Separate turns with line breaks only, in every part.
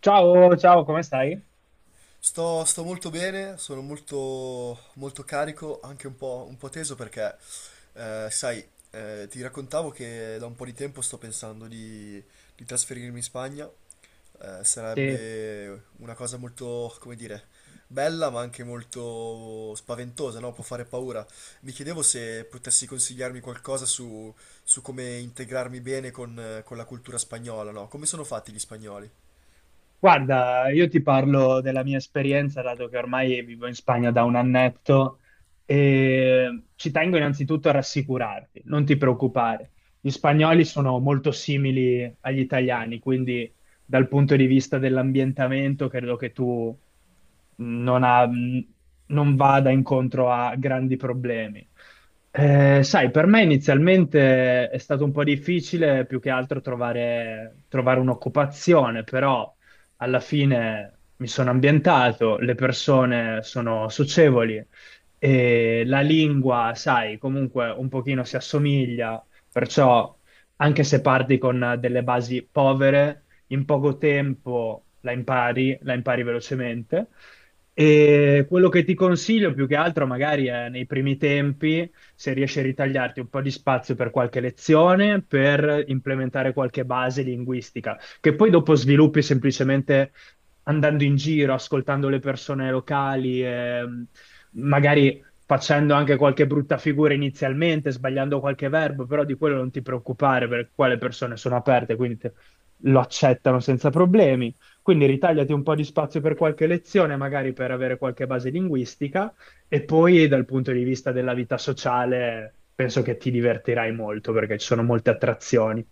Ciao, ciao, come stai?
Sto molto bene, sono molto, molto carico, anche un po' teso perché, sai, ti raccontavo che da un po' di tempo sto pensando di trasferirmi in Spagna.
Sì.
Sarebbe una cosa molto, come dire, bella ma anche molto spaventosa, no? Può fare paura. Mi chiedevo se potessi consigliarmi qualcosa su come integrarmi bene con la cultura spagnola, no? Come sono fatti gli spagnoli?
Guarda, io ti parlo della mia esperienza, dato che ormai vivo in Spagna da un annetto, e ci tengo innanzitutto a rassicurarti, non ti preoccupare. Gli spagnoli sono molto simili agli italiani, quindi dal punto di vista dell'ambientamento credo che tu non, ha- non vada incontro a grandi problemi. Sai, per me inizialmente è stato un po' difficile più che altro trovare un'occupazione, però alla fine mi sono ambientato, le persone sono socievoli e la lingua, sai, comunque un pochino si assomiglia, perciò anche se parti con delle basi povere, in poco tempo la impari velocemente. E quello che ti consiglio più che altro magari è nei primi tempi, se riesci a ritagliarti un po' di spazio per qualche lezione, per implementare qualche base linguistica che poi dopo sviluppi semplicemente andando in giro, ascoltando le persone locali, magari facendo anche qualche brutta figura inizialmente, sbagliando qualche verbo, però di quello non ti preoccupare perché qua le persone sono aperte, quindi lo accettano senza problemi. Quindi ritagliati un po' di spazio per qualche lezione, magari per avere qualche base linguistica, e poi dal punto di vista della vita sociale penso che ti divertirai molto perché ci sono molte attrazioni.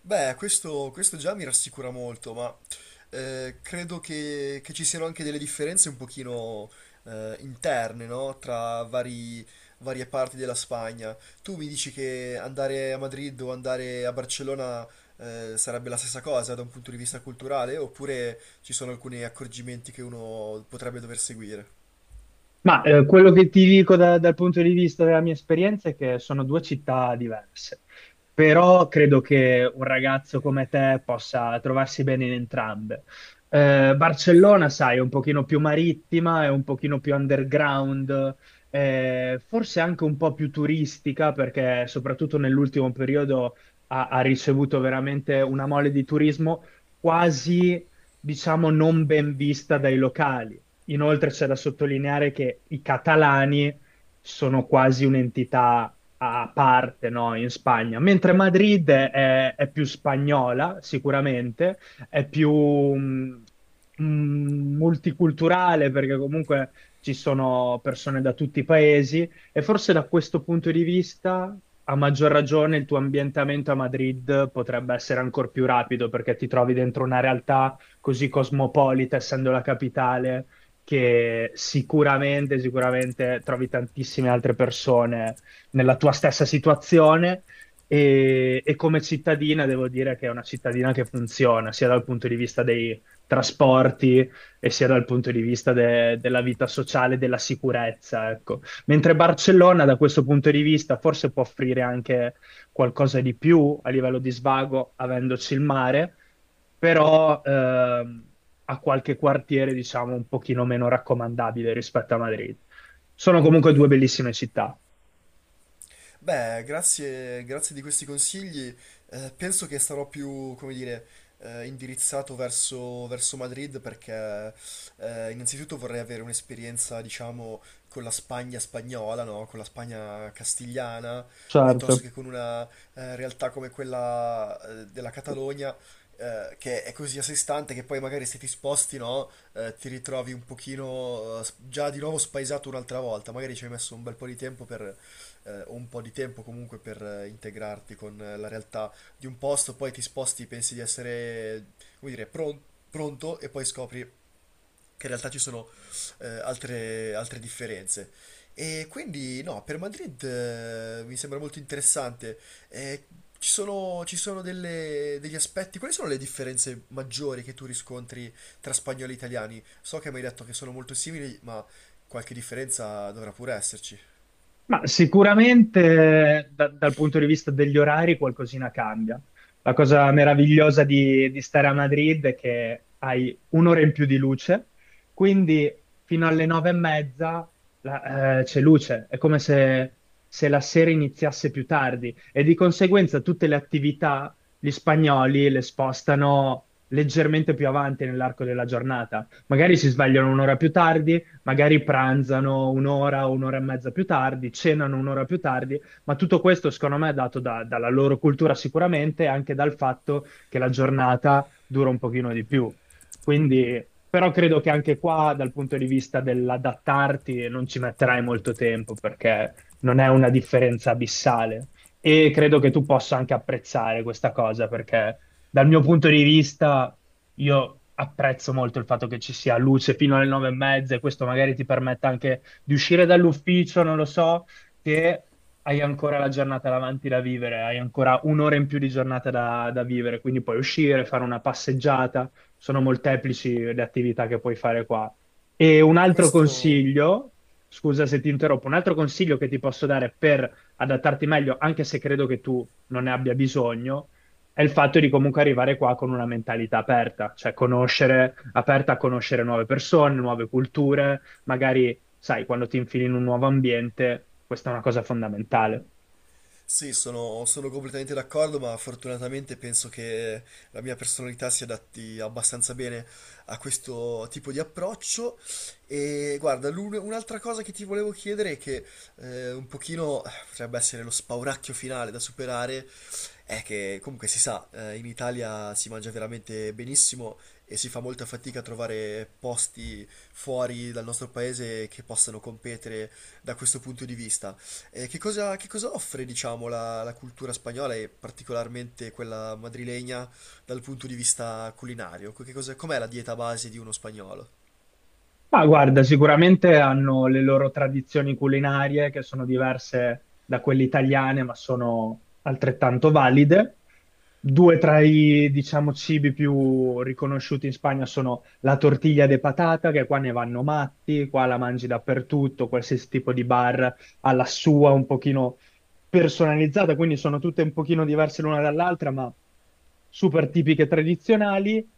Beh, questo già mi rassicura molto, ma credo che ci siano anche delle differenze un pochino interne, no? Varie parti della Spagna. Tu mi dici che andare a Madrid o andare a Barcellona sarebbe la stessa cosa da un punto di vista culturale, oppure ci sono alcuni accorgimenti che uno potrebbe dover seguire?
Ma quello che ti dico dal punto di vista della mia esperienza è che sono due città diverse, però credo che un ragazzo come te possa trovarsi bene in entrambe. Barcellona, sai, è un pochino più marittima, è un pochino più underground, forse anche un po' più turistica, perché soprattutto nell'ultimo periodo ha ricevuto veramente una mole di turismo quasi diciamo, non ben vista dai locali. Inoltre c'è da sottolineare che i catalani sono quasi un'entità a parte, no, in Spagna, mentre Madrid è più spagnola, sicuramente, è più mh, mh, multiculturale perché comunque ci sono persone da tutti i paesi e forse da questo punto di vista, a maggior ragione, il tuo ambientamento a Madrid potrebbe essere ancora più rapido perché ti trovi dentro una realtà così cosmopolita, essendo la capitale che sicuramente trovi tantissime altre persone nella tua stessa situazione e come cittadina devo dire che è una cittadina che funziona sia dal punto di vista dei trasporti e sia dal punto di vista della vita sociale, della sicurezza, ecco. Mentre Barcellona da questo punto di vista forse può offrire anche qualcosa di più a livello di svago, avendoci il mare però ha qualche quartiere, diciamo, un pochino meno raccomandabile rispetto a Madrid. Sono comunque due bellissime città.
Beh, grazie, grazie di questi consigli. Penso che sarò più, come dire, indirizzato verso Madrid perché innanzitutto vorrei avere un'esperienza, diciamo, con la Spagna spagnola, no? Con la Spagna castigliana, piuttosto
Certo.
che con una realtà come quella della Catalogna. Che è così a sé stante che poi magari se ti sposti, no, ti ritrovi un pochino già di nuovo spaesato un'altra volta. Magari ci hai messo un bel po' di tempo un po' di tempo comunque per integrarti con la realtà di un posto, poi ti sposti, pensi di essere, come dire, pronto e poi scopri che in realtà ci sono altre, altre differenze. E quindi no, per Madrid mi sembra molto interessante. Eh, ci sono degli aspetti, quali sono le differenze maggiori che tu riscontri tra spagnoli e italiani? So che mi hai detto che sono molto simili, ma qualche differenza dovrà pure esserci.
Ma sicuramente dal punto di vista degli orari qualcosina cambia. La cosa meravigliosa di stare a Madrid è che hai un'ora in più di luce, quindi fino alle nove e mezza c'è luce, è come se, se la sera iniziasse più tardi e di conseguenza tutte le attività gli spagnoli le spostano leggermente più avanti nell'arco della giornata. Magari si svegliano un'ora più tardi, magari pranzano un'ora o un'ora e mezza più tardi, cenano un'ora più tardi, ma tutto questo secondo me è dato dalla loro cultura sicuramente e anche dal fatto che la giornata dura un pochino di più. Quindi, però credo che anche qua, dal punto di vista dell'adattarti, non ci metterai molto tempo perché non è una differenza abissale. E credo che tu possa anche apprezzare questa cosa perché dal mio punto di vista, io apprezzo molto il fatto che ci sia luce fino alle nove e mezza e questo magari ti permette anche di uscire dall'ufficio, non lo so, che hai ancora la giornata davanti da vivere, hai ancora un'ora in più di giornata da vivere, quindi puoi uscire, fare una passeggiata, sono molteplici le attività che puoi fare qua. E un altro
Questo...
consiglio, scusa se ti interrompo, un altro consiglio che ti posso dare per adattarti meglio, anche se credo che tu non ne abbia bisogno, è il fatto di comunque arrivare qua con una mentalità aperta, cioè conoscere, aperta a conoscere nuove persone, nuove culture, magari, sai, quando ti infili in un nuovo ambiente, questa è una cosa fondamentale.
Sì, sono completamente d'accordo, ma fortunatamente penso che la mia personalità si adatti abbastanza bene a questo tipo di approccio. E guarda, un'altra cosa che ti volevo chiedere, è che un pochino potrebbe essere lo spauracchio finale da superare, è che comunque si sa, in Italia si mangia veramente benissimo e si fa molta fatica a trovare posti fuori dal nostro paese che possano competere da questo punto di vista. Che cosa offre, diciamo, la cultura spagnola e particolarmente quella madrilegna dal punto di vista culinario? Com'è la dieta base di uno spagnolo?
Ma guarda, sicuramente hanno le loro tradizioni culinarie che sono diverse da quelle italiane, ma sono altrettanto valide. Due tra diciamo, cibi più riconosciuti in Spagna sono la tortiglia de patata, che qua ne vanno matti, qua la mangi dappertutto, qualsiasi tipo di bar ha la sua un pochino personalizzata, quindi sono tutte un pochino diverse l'una dall'altra, ma super tipiche tradizionali,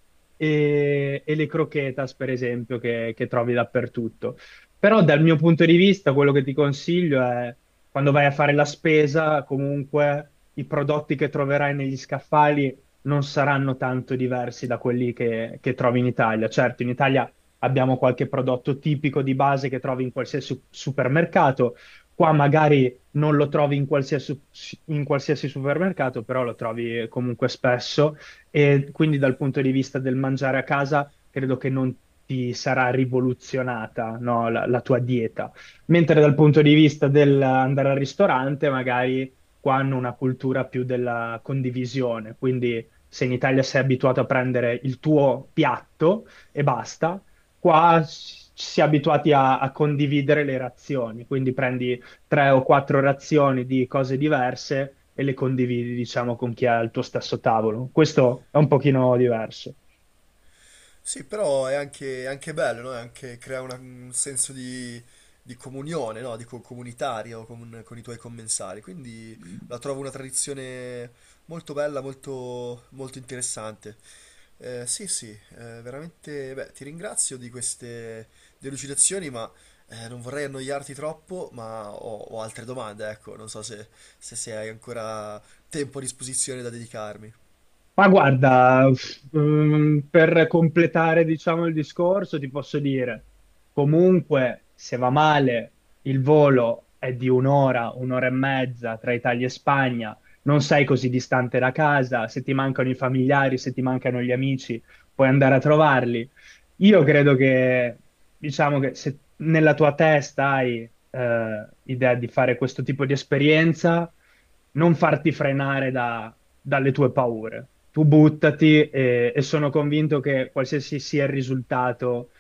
e le croquetas, per esempio, che trovi dappertutto. Però dal mio punto di vista, quello che ti consiglio è quando vai a fare la spesa, comunque i prodotti che troverai negli scaffali non saranno tanto diversi da quelli che trovi in Italia. Certo, in Italia abbiamo qualche prodotto tipico di base che trovi in qualsiasi supermercato. Qua magari non lo trovi in qualsiasi supermercato, però lo trovi comunque spesso e quindi dal punto di vista del mangiare a casa credo che non ti sarà rivoluzionata, no, la tua dieta. Mentre dal punto di vista dell'andare al ristorante, magari qua hanno una cultura più della condivisione, quindi se in Italia sei abituato a prendere il tuo piatto e basta, qua si è abituati a condividere le razioni, quindi prendi tre o quattro razioni di cose diverse e le condividi, diciamo, con chi ha il tuo stesso tavolo. Questo è un pochino diverso.
Sì, è anche bello, no? È anche, crea un senso di comunione, no? Di comunitario con i tuoi commensali. Quindi la trovo una tradizione molto bella, molto, molto interessante. Sì, sì, veramente, beh, ti ringrazio di queste delucidazioni, ma non vorrei annoiarti troppo, ma ho altre domande, ecco, non so se hai ancora tempo a disposizione da dedicarmi.
Ma guarda, per completare, diciamo, il discorso, ti posso dire, comunque, se va male, il volo è di un'ora, un'ora e mezza tra Italia e Spagna, non sei così distante da casa, se ti mancano i familiari, se ti mancano gli amici, puoi andare a trovarli. Io credo che, diciamo che se nella tua testa hai idea di fare questo tipo di esperienza, non farti frenare dalle tue paure. Tu buttati e sono convinto che qualsiasi sia il risultato,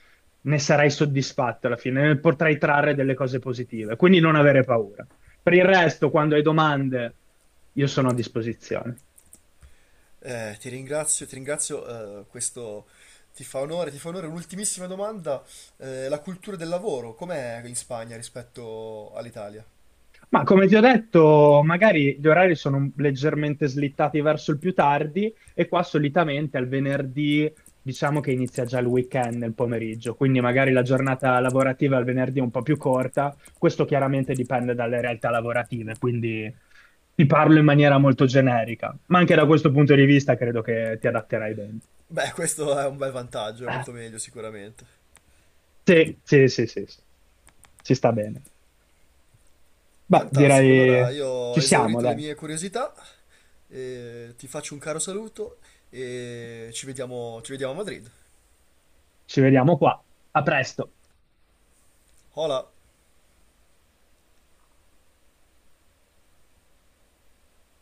ne sarai soddisfatto alla fine, ne potrai trarre delle cose positive. Quindi non avere paura. Per il resto, quando hai domande, io sono a disposizione.
Ti ringrazio, ti ringrazio, questo ti fa onore, ti fa onore. Un'ultimissima domanda, la cultura del lavoro, com'è in Spagna rispetto all'Italia?
Ma come ti ho detto, magari gli orari sono leggermente slittati verso il più tardi e qua solitamente al venerdì diciamo che inizia già il weekend nel pomeriggio, quindi magari la giornata lavorativa al venerdì è un po' più corta, questo chiaramente dipende dalle realtà lavorative, quindi ti parlo in maniera molto generica, ma anche da questo punto di vista credo che ti adatterai bene.
Beh, questo è un bel vantaggio, è
Ah.
molto meglio sicuramente.
Sì, sì, sì, sì, sì. Ci sta bene. Beh,
Fantastico, allora
direi
io
ci
ho
siamo,
esaurito le
dai.
mie curiosità, ti faccio un caro saluto e ci vediamo a Madrid.
Ci vediamo qua. A presto.
Hola!